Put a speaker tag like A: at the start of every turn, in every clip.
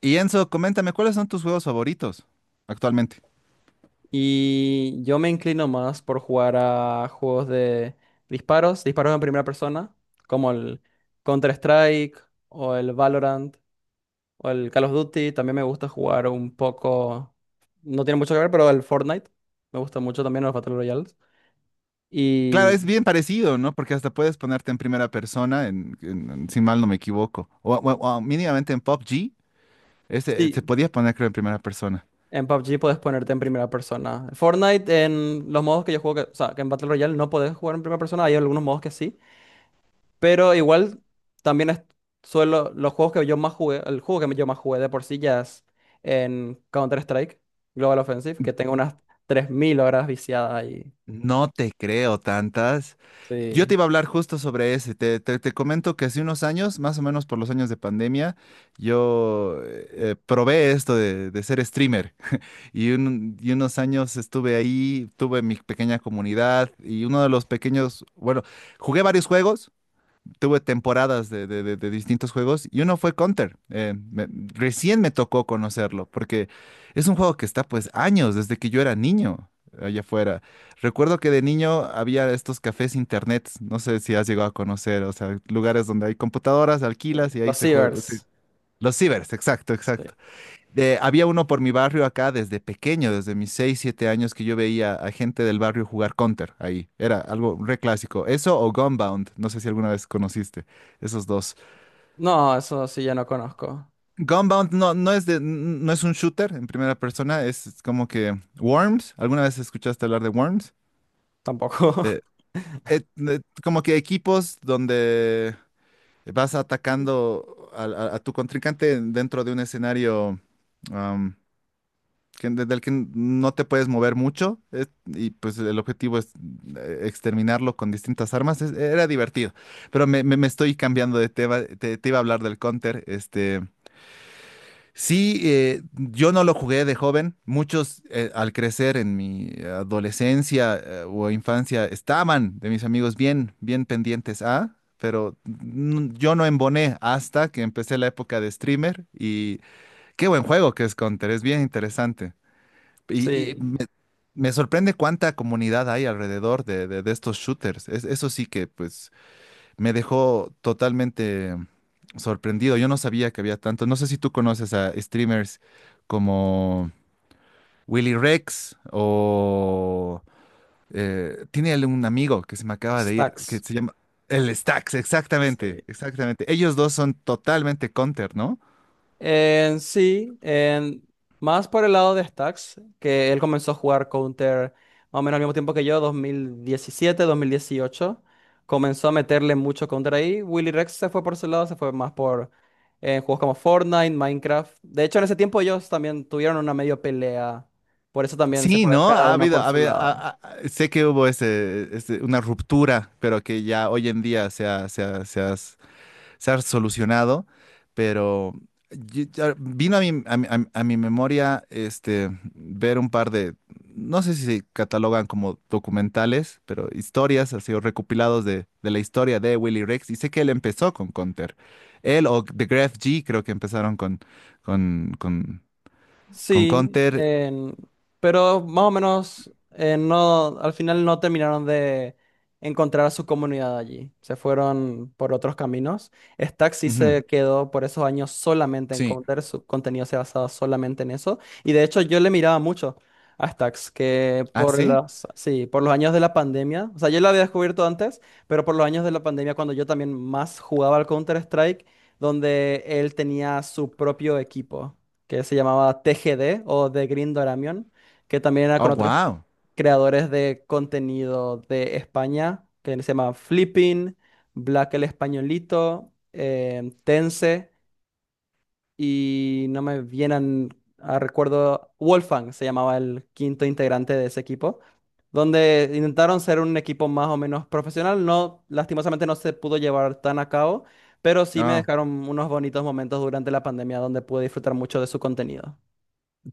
A: Y Enzo, coméntame, ¿cuáles son tus juegos favoritos actualmente?
B: Y yo me inclino más por jugar a juegos de disparos, disparos en primera persona, como el Counter-Strike o el Valorant o el Call of Duty. También me gusta jugar un poco, no tiene mucho que ver, pero el Fortnite. Me gusta mucho también los Battle Royales.
A: Claro,
B: Y
A: es bien parecido, ¿no? Porque hasta puedes ponerte en primera persona, en si mal no me equivoco. O mínimamente en P U B G, se
B: sí,
A: podía poner, creo, en primera persona.
B: en PUBG puedes ponerte en primera persona. Fortnite en los modos que yo juego, o sea, que en Battle Royale no podés jugar en primera persona, hay algunos modos que sí. Pero igual también es, suelo, los juegos que yo más jugué, el juego que yo más jugué de por sí ya es en Counter-Strike, Global Offensive, que tengo unas 3000 horas viciadas ahí.
A: No te creo tantas. Yo te
B: Sí,
A: iba a hablar justo sobre ese. Te comento que hace unos años, más o menos por los años de pandemia, yo probé esto de ser streamer. Y unos años estuve ahí, tuve mi pequeña comunidad y uno de los pequeños, bueno, jugué varios juegos, tuve temporadas de distintos juegos y uno fue Counter. Recién me tocó conocerlo porque es un juego que está pues años desde que yo era niño allá afuera. Recuerdo que de niño había estos cafés internet, no sé si has llegado a conocer, o sea, lugares donde hay computadoras,
B: sí.
A: alquilas y ahí
B: Los
A: se juega. Sí.
B: cibers.
A: Los cibers, exacto,
B: Sí.
A: exacto. Había uno por mi barrio acá desde pequeño, desde mis 6 7 años, que yo veía a gente del barrio jugar Counter ahí. Era algo re clásico. Eso o Gunbound, no sé si alguna vez conociste esos dos.
B: No, eso sí yo no conozco.
A: Gunbound no, no es no es un shooter en primera persona, es como que Worms. ¿Alguna vez escuchaste hablar de Worms?
B: Tampoco.
A: Eh, Como que equipos donde vas atacando a tu contrincante dentro de un escenario. am, que, desde el que no te puedes mover mucho y pues el objetivo es exterminarlo con distintas armas. Era divertido, pero me estoy cambiando de tema. Te iba a hablar del Counter. Sí, yo no lo jugué de joven. Muchos al crecer en mi adolescencia o infancia estaban de mis amigos bien, bien pendientes a... Pero yo no emboné hasta que empecé la época de streamer y qué buen juego que es Counter, es bien interesante. Y
B: Sí.
A: me sorprende cuánta comunidad hay alrededor de estos shooters. Eso sí que pues me dejó totalmente sorprendido. Yo no sabía que había tanto. No sé si tú conoces a streamers como Willy Rex o tiene él un amigo que se me acaba de ir, que
B: Stacks.
A: se llama el Stax,
B: Sí.
A: exactamente, exactamente. Ellos dos son totalmente Counter, ¿no?
B: En sí, en, más por el lado de Stacks, que él comenzó a jugar Counter más o menos al mismo tiempo que yo, dos mil diecisiete, 2018. Comenzó a meterle mucho Counter ahí. Willy Rex se fue por ese lado, se fue más por juegos como Fortnite, Minecraft. De hecho, en ese tiempo ellos también tuvieron una medio pelea. Por eso también se
A: Sí,
B: fue
A: ¿no?
B: cada
A: Ha
B: uno
A: habido,
B: por
A: ha
B: su
A: habido-
B: lado.
A: ha- ha- Sé que hubo ese una ruptura, pero que ya hoy en día se ha solucionado, pero ya vino a mi memoria ver un par de, no sé si se catalogan como documentales, pero historias, así, o recopilados de la historia de Willy Rex, y sé que él empezó con Conter. Él o The Graph G creo que empezaron con, con, con
B: Sí,
A: Conter.
B: pero más o menos no, al final no terminaron de encontrar a su comunidad allí. Se fueron por otros caminos. Stack sí
A: Ujú.
B: se quedó por esos años solamente en
A: Sí.
B: Counter, su contenido se basaba solamente en eso. Y de hecho yo le miraba mucho a Stacks, que
A: ¿Ah,
B: por
A: sí?
B: los, sí, por los años de la pandemia, o sea, yo lo había descubierto antes, pero por los años de la pandemia, cuando yo también más jugaba al Counter-Strike, donde él tenía su propio equipo que se llamaba TGD o The Green Doramion, que también era
A: Oh,
B: con otros
A: wow.
B: creadores de contenido de España, que se llama Flipping, Black el Españolito, Tense, y no me vienen a recuerdo, Wolfgang se llamaba el 5.º integrante de ese equipo, donde intentaron ser un equipo más o menos profesional, no, lastimosamente no se pudo llevar tan a cabo. Pero sí me
A: No.
B: dejaron unos bonitos momentos durante la pandemia donde pude disfrutar mucho de su contenido.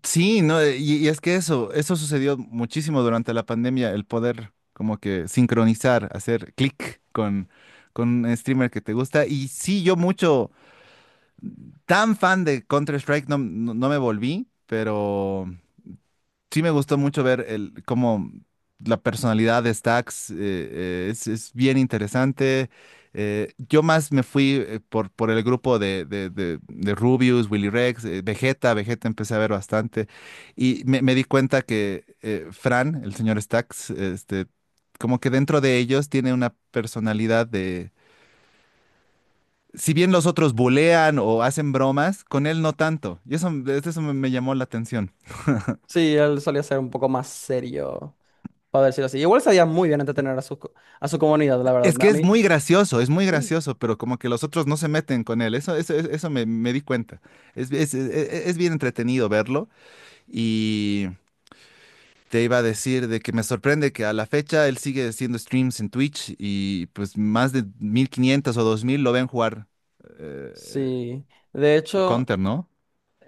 A: Sí, no, y es que eso sucedió muchísimo durante la pandemia, el poder como que sincronizar, hacer clic con un streamer que te gusta. Y sí, yo mucho, tan fan de Counter-Strike no me volví, pero sí me gustó mucho ver el, cómo la personalidad de Stax es bien interesante. Yo más me fui por el grupo de Rubius, Willy Rex, Vegeta. Vegeta empecé a ver bastante y me di cuenta que Fran, el señor Stax, como que dentro de ellos tiene una personalidad de... Si bien los otros bulean o hacen bromas, con él no tanto. Y eso me llamó la atención.
B: Sí, él solía ser un poco más serio, para decirlo así. Igual sabía muy bien entretener a su, a su comunidad, la verdad.
A: Es que
B: A mí,
A: es muy
B: sí.
A: gracioso, pero como que los otros no se meten con él. Eso me di cuenta. Es bien entretenido verlo. Y te iba a decir de que me sorprende que a la fecha él sigue haciendo streams en Twitch y pues más de 1500 o 2000 lo ven jugar eh,
B: Sí. De hecho,
A: Counter, ¿no?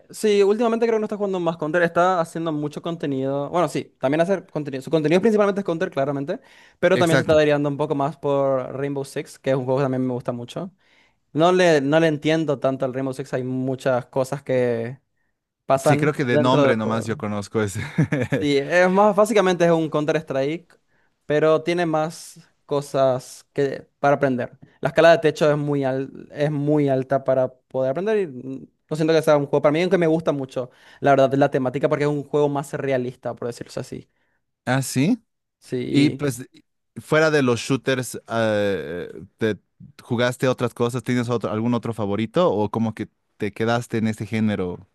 B: sí, últimamente creo que no está jugando más Counter, está haciendo mucho contenido. Bueno, sí, también hacer contenido. Su contenido principalmente es Counter, claramente, pero también se está
A: Exacto.
B: derivando un poco más por Rainbow Six, que es un juego que también me gusta mucho. No le entiendo tanto al Rainbow Six, hay muchas cosas que
A: Sí,
B: pasan
A: creo que de
B: dentro del
A: nombre nomás yo
B: juego.
A: conozco ese.
B: Sí, es más, básicamente es un Counter-Strike, pero tiene más cosas que, para aprender. La escala de techo es muy, es muy alta para poder aprender y no siento que sea un juego para mí, aunque me gusta mucho, la verdad, la temática porque es un juego más realista, por decirlo así.
A: Ah, sí. Y
B: Sí,
A: pues, fuera de los shooters, ¿te jugaste otras cosas? ¿Tienes algún otro favorito? ¿O como que te quedaste en este género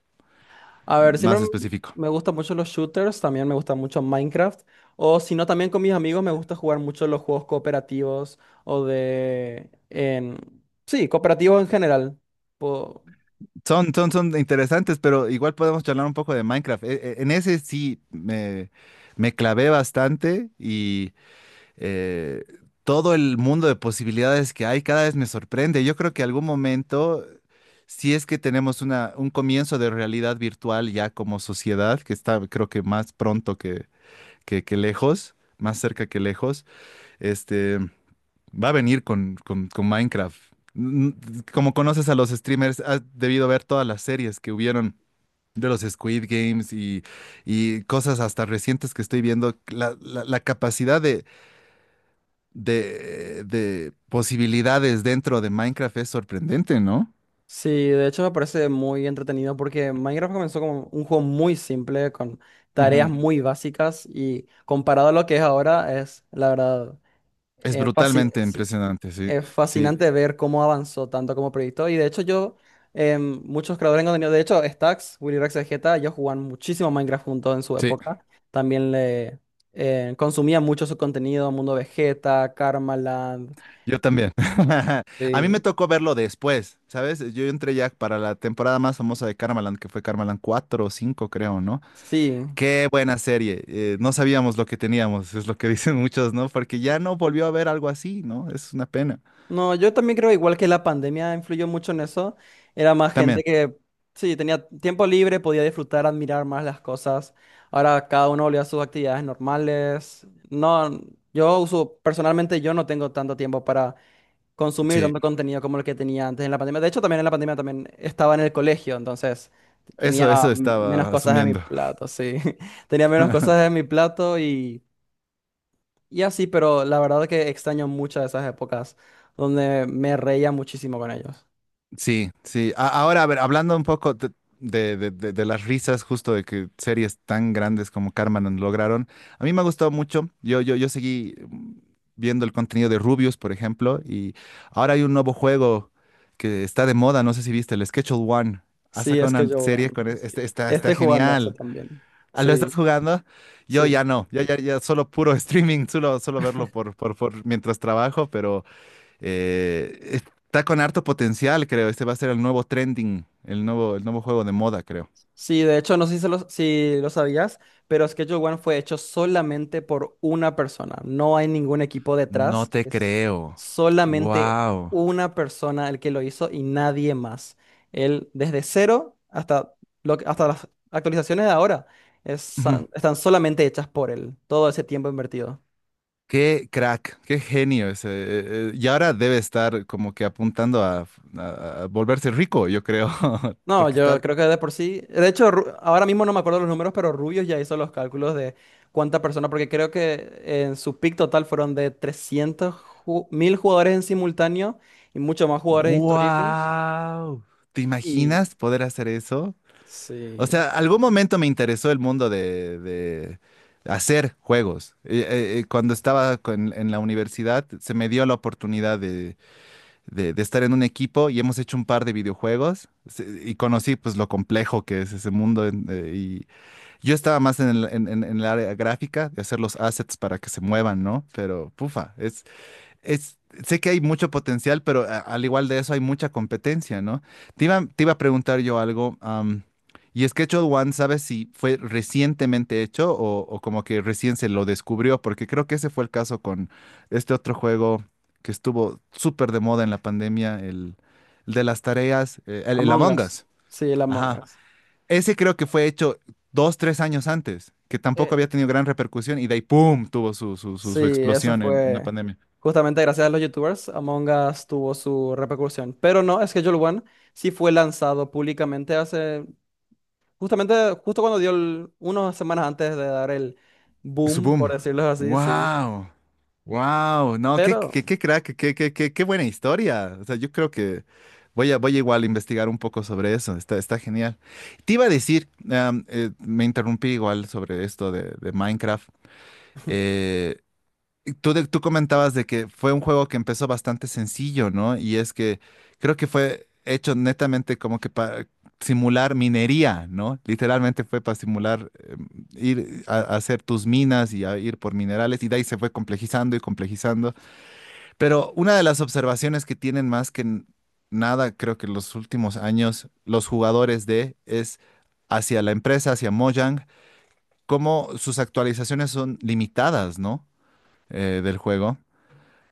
B: a ver, siempre
A: más específico?
B: me gustan mucho los shooters, también me gusta mucho Minecraft, o si no, también con mis amigos me gusta jugar mucho los juegos cooperativos o de... En, sí, cooperativos en general.
A: Son interesantes, pero igual podemos charlar un poco de Minecraft. En ese sí me clavé bastante y eh, todo el mundo de posibilidades que hay cada vez me sorprende. Yo creo que algún momento, si es que tenemos un comienzo de realidad virtual ya como sociedad, que está creo que más pronto que lejos, más cerca que lejos, este, va a venir con Minecraft. N- Como conoces a los streamers, has debido ver todas las series que hubieron de los Squid Games y cosas hasta recientes que estoy viendo, la capacidad de posibilidades dentro de Minecraft es sorprendente, ¿no?
B: Sí, de hecho me parece muy entretenido porque Minecraft comenzó como un juego muy simple, con tareas
A: Ujú.
B: muy básicas y comparado a lo que es ahora, es la verdad
A: Es brutalmente
B: fascinante, sí.
A: impresionante, sí,
B: Es
A: sí.
B: fascinante ver cómo avanzó tanto como proyecto. Y de hecho yo, muchos creadores de contenido, de hecho Stax, Willy Rex Vegeta, ellos jugaban muchísimo Minecraft juntos en su
A: Sí.
B: época. También le consumían mucho su contenido, Mundo Vegeta, Karmaland.
A: Yo también. A mí me
B: Sí,
A: tocó verlo después, ¿sabes? Yo entré ya para la temporada más famosa de Karmaland, que fue Karmaland 4 o 5 creo, ¿no?
B: sí.
A: Qué buena serie, no sabíamos lo que teníamos, es lo que dicen muchos, ¿no? Porque ya no volvió a haber algo así, ¿no? Es una pena.
B: No, yo también creo igual que la pandemia influyó mucho en eso. Era más gente
A: También.
B: que, sí, tenía tiempo libre, podía disfrutar, admirar más las cosas. Ahora cada uno volvió a sus actividades normales. No, yo uso, personalmente yo no tengo tanto tiempo para consumir
A: Sí.
B: tanto contenido como el que tenía antes en la pandemia. De hecho, también en la pandemia también estaba en el colegio, entonces tenía
A: Eso
B: menos
A: estaba
B: cosas en mi
A: asumiendo.
B: plato, sí. Tenía menos cosas en mi plato y así, pero la verdad que extraño muchas de esas épocas donde me reía muchísimo con ellos.
A: Sí, sí. Ahora, a ver, hablando un poco de las risas, justo de que series tan grandes como Carmen lograron, a mí me ha gustado mucho. Yo seguí viendo el contenido de Rubius, por ejemplo, y ahora hay un nuevo juego que está de moda, no sé si viste, el Schedule One. Ha
B: Sí,
A: sacado
B: es que
A: una
B: yo, bueno,
A: serie con
B: sí.
A: está
B: Estoy Ah, jugando a eso
A: genial.
B: también.
A: Ah, ¿lo estás
B: Sí,
A: jugando? Yo ya
B: sí.
A: no, ya solo puro streaming, solo verlo por mientras trabajo, eh, está con harto potencial, creo. Este va a ser el nuevo trending, el nuevo juego de moda, creo.
B: Sí, de hecho, no sé si, se lo, si lo sabías, pero Schedule One fue hecho solamente por una persona. No hay ningún equipo
A: No
B: detrás.
A: te
B: Es
A: creo.
B: solamente
A: Wow.
B: una persona el que lo hizo y nadie más. Él, desde cero hasta, lo, hasta las actualizaciones de ahora, es-
A: Ujú.
B: están solamente hechas por él. Todo ese tiempo invertido.
A: Qué crack, qué genio ese. Y ahora debe estar como que apuntando a volverse rico, yo creo,
B: No,
A: porque
B: yo
A: está...
B: creo que de por sí. De hecho, ahora mismo no me acuerdo los números, pero Rubios ya hizo los cálculos de cuánta persona, porque creo que en su pick total fueron de 300.000 jugadores en simultáneo y muchos más jugadores históricos.
A: Wow. ¿Te
B: Y
A: imaginas poder hacer eso? O
B: sí,
A: sea, algún momento me interesó el mundo de hacer juegos. Cuando estaba en la universidad, se me dio la oportunidad de estar en un equipo y hemos hecho un par de videojuegos. Y conocí pues lo complejo que es ese mundo. Y yo estaba más en el área gráfica de hacer los assets para que se muevan, ¿no? Pero, pufa, es, sé que hay mucho potencial, pero al igual de eso hay mucha competencia, ¿no? Te iba a preguntar yo algo, y Schedule One, ¿sabes si fue recientemente hecho o, como que recién se lo descubrió? Porque creo que ese fue el caso con este otro juego que estuvo súper de moda en la pandemia, el de las tareas, el
B: Among
A: Among
B: Us.
A: Us.
B: Sí, el Among
A: Ajá.
B: Us.
A: Ese creo que fue hecho 2, 3 años antes, que tampoco había
B: Eh,
A: tenido gran repercusión y de ahí, ¡pum!, tuvo su, su, su,
B: sí,
A: su
B: eso
A: explosión en la
B: fue
A: pandemia.
B: justamente gracias a los YouTubers. Among Us tuvo su repercusión. Pero no, Schedule One sí fue lanzado públicamente hace. Justamente, justo cuando dio el, unas semanas antes de dar el
A: Su
B: boom,
A: boom.
B: por decirlo así, sí.
A: Wow. Wow. No, qué, qué,
B: Pero
A: qué crack, qué buena historia. O sea, yo creo que voy a, igual a investigar un poco sobre eso. Está genial. Te iba a decir, me interrumpí igual sobre esto de Minecraft. Eh, tú comentabas de que fue un juego que empezó bastante sencillo, ¿no? Y es que creo que fue hecho netamente como que para simular minería, ¿no? Literalmente fue para simular ir a hacer tus minas y a ir por minerales y de ahí se fue complejizando y complejizando. Pero una de las observaciones que tienen más que nada, creo que en los últimos años, los jugadores de es hacia la empresa, hacia Mojang, cómo sus actualizaciones son limitadas, ¿no? Del juego.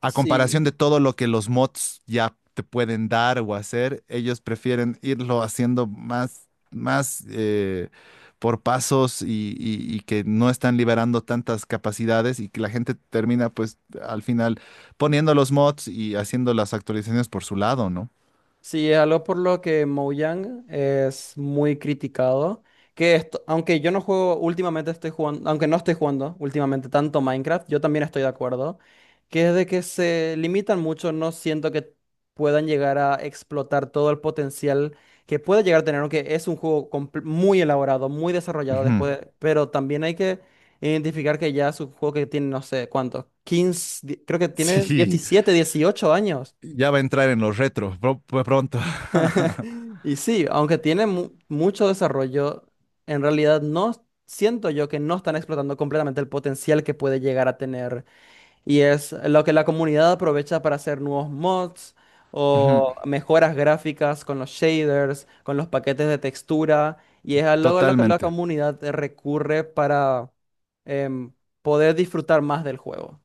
A: A comparación
B: sí,
A: de todo lo que los mods ya te pueden dar o hacer, ellos prefieren irlo haciendo más por pasos y que no están liberando tantas capacidades y que la gente termina pues al final poniendo los mods y haciendo las actualizaciones por su lado, ¿no?
B: sí, es algo por lo que Mojang es muy criticado. Que esto, aunque yo no juego, últimamente estoy jugando, aunque no estoy jugando últimamente tanto Minecraft, yo también estoy de acuerdo. Que es de que se limitan mucho, no siento que puedan llegar a explotar todo el potencial que puede llegar a tener, aunque es un juego muy elaborado, muy desarrollado
A: Ujú.
B: después, pero también hay que identificar que ya es un juego que tiene, no sé cuánto, 15, creo que tiene
A: Sí,
B: 17, 18 años.
A: ya va a entrar en los retro pronto.
B: Y sí, aunque tiene mucho desarrollo, en realidad no siento yo que no están explotando completamente el potencial que puede llegar a tener. Y es lo que la comunidad aprovecha para hacer nuevos mods
A: Ujú.
B: o mejoras gráficas con los shaders, con los paquetes de textura. Y es algo a lo que la
A: Totalmente.
B: comunidad recurre para em, poder disfrutar más del juego.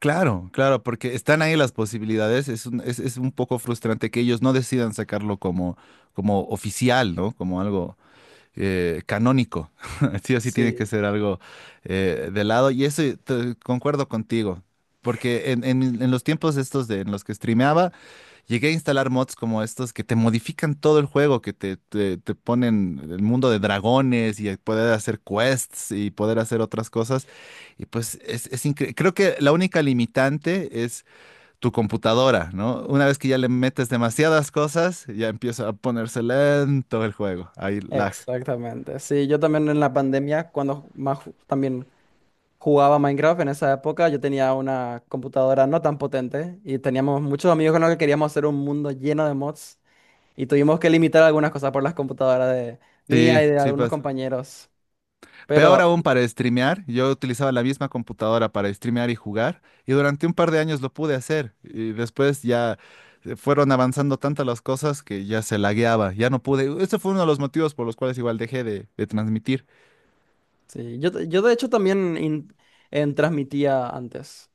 A: Claro, claro, porque están ahí las posibilidades. Es un poco frustrante que ellos no decidan sacarlo como, oficial, ¿no? Como algo canónico. Sí o sí tiene
B: Sí,
A: que ser algo de lado. Y eso, concuerdo contigo, porque en los tiempos estos en los que streameaba, llegué a instalar mods como estos que te modifican todo el juego, que te ponen el mundo de dragones y poder hacer quests y poder hacer otras cosas. Y pues creo que la única limitante es tu computadora, ¿no? Una vez que ya le metes demasiadas cosas, ya empieza a ponerse lento el juego. Ahí lag.
B: exactamente. Sí, yo también en la pandemia, cuando más también jugaba Minecraft en esa época. Yo tenía una computadora no tan potente y teníamos muchos amigos con los que queríamos hacer un mundo lleno de mods y tuvimos que limitar algunas cosas por las computadoras de
A: Sí,
B: mía y de
A: sí.
B: algunos compañeros.
A: Peor
B: Pero
A: aún para streamear, yo utilizaba la misma computadora para streamear y jugar, y durante un par de años lo pude hacer, y después ya fueron avanzando tantas las cosas que ya se lagueaba, ya no pude. Ese fue uno de los motivos por los cuales igual dejé de transmitir.
B: sí, yo de hecho también in- en transmitía antes.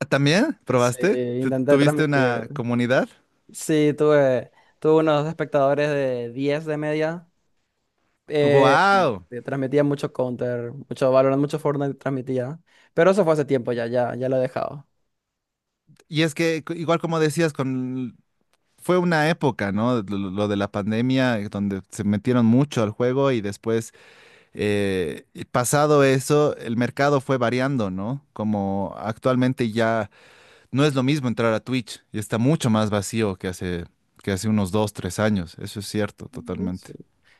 A: Ah, ¿también
B: Sí,
A: probaste?
B: intenté
A: ¿Tuviste
B: transmitir.
A: una comunidad?
B: Sí, tuve, tuve unos espectadores de 10 de media. Eh,
A: ¡Wow!
B: transmitía mucho Counter, mucho Valorant, mucho Fortnite transmitía. Pero eso fue hace tiempo ya, ya, ya lo he dejado.
A: Y es que, igual como decías, con... fue una época, ¿no? Lo de la pandemia, donde se metieron mucho al juego y después. Y pasado eso, el mercado fue variando, ¿no? Como actualmente ya no es lo mismo entrar a Twitch y está mucho más vacío que hace unos 2, 3 años. Eso es cierto, totalmente.
B: Sí.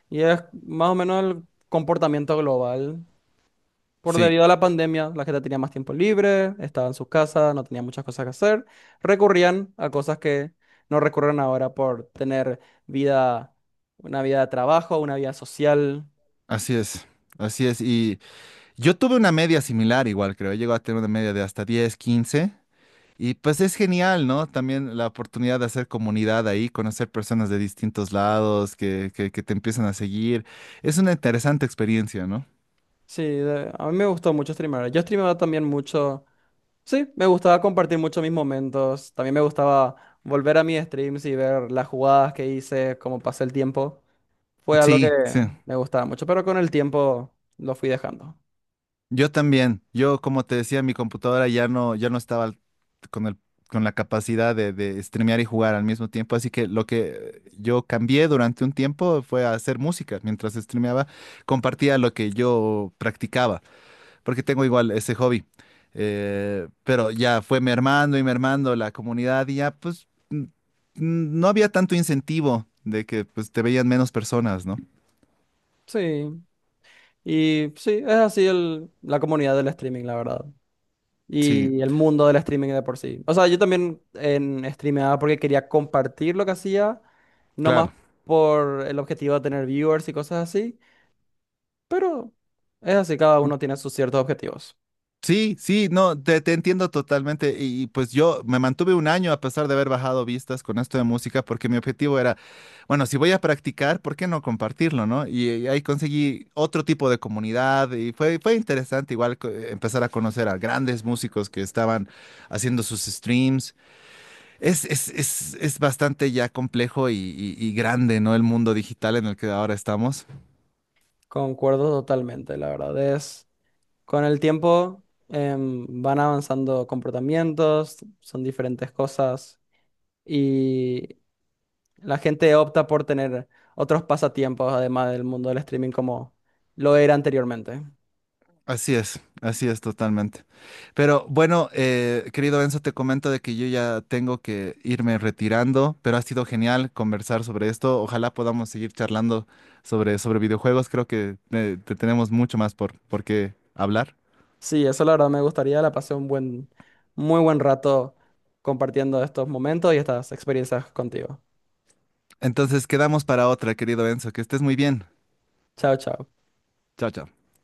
B: Y es más o menos el comportamiento global. Por
A: Sí,
B: debido a la pandemia, la gente tenía más tiempo libre, estaba en sus casas, no tenía muchas cosas que hacer, recurrían a cosas que no recurren ahora por tener vida, una vida de trabajo, una vida social.
A: así es. Así es. Y yo tuve una media similar igual, creo. Llego a tener una media de hasta 10, 15. Y pues es genial, ¿no? También la oportunidad de hacer comunidad ahí, conocer personas de distintos lados que te empiezan a seguir. Es una interesante experiencia, ¿no?
B: Sí, a mí me gustó mucho streamear. Yo streameaba también mucho. Sí, me gustaba compartir mucho mis momentos. También me gustaba volver a mis streams y ver las jugadas que hice, cómo pasé el tiempo. Fue algo que
A: Sí, sí.
B: me gustaba mucho, pero con el tiempo lo fui dejando.
A: Yo también. Yo, como te decía, mi computadora ya no, estaba con con la capacidad de streamear y jugar al mismo tiempo. Así que lo que yo cambié durante un tiempo fue a hacer música. Mientras streameaba, compartía lo que yo practicaba, porque tengo igual ese hobby. Pero ya fue mermando y mermando la comunidad y ya, pues, no había tanto incentivo de que pues, te veían menos personas, ¿no?
B: Sí, y sí, es así el, la comunidad del streaming, la verdad.
A: Sí,
B: Y el mundo del streaming de por sí. O sea, yo también en streameaba porque quería compartir lo que hacía, no más
A: claro.
B: por el objetivo de tener viewers y cosas así, pero es así, cada uno tiene sus ciertos objetivos.
A: Sí, sí, no, te entiendo totalmente. Pues yo me mantuve un año a pesar de haber bajado vistas con esto de música, porque mi objetivo era, bueno, si voy a practicar, ¿por qué no compartirlo, no? Y ahí conseguí otro tipo de comunidad y fue interesante igual empezar a conocer a grandes músicos que estaban haciendo sus streams. Es bastante ya complejo y grande, ¿no? El mundo digital en el que ahora estamos.
B: Concuerdo totalmente, la verdad es, con el tiempo van avanzando comportamientos, son diferentes cosas. Y la gente opta por tener otros pasatiempos además del mundo del streaming como lo era anteriormente.
A: Así es totalmente. Pero bueno, querido Enzo, te comento de que yo ya tengo que irme retirando, pero ha sido genial conversar sobre esto. Ojalá podamos seguir charlando sobre videojuegos. Creo que te tenemos mucho más por qué hablar.
B: Sí, eso la verdad me gustaría, la pasé un buen, muy buen rato compartiendo estos momentos y estas experiencias contigo.
A: Entonces, quedamos para otra, querido Enzo. Que estés muy bien.
B: Chao, chao.
A: Chao, chao.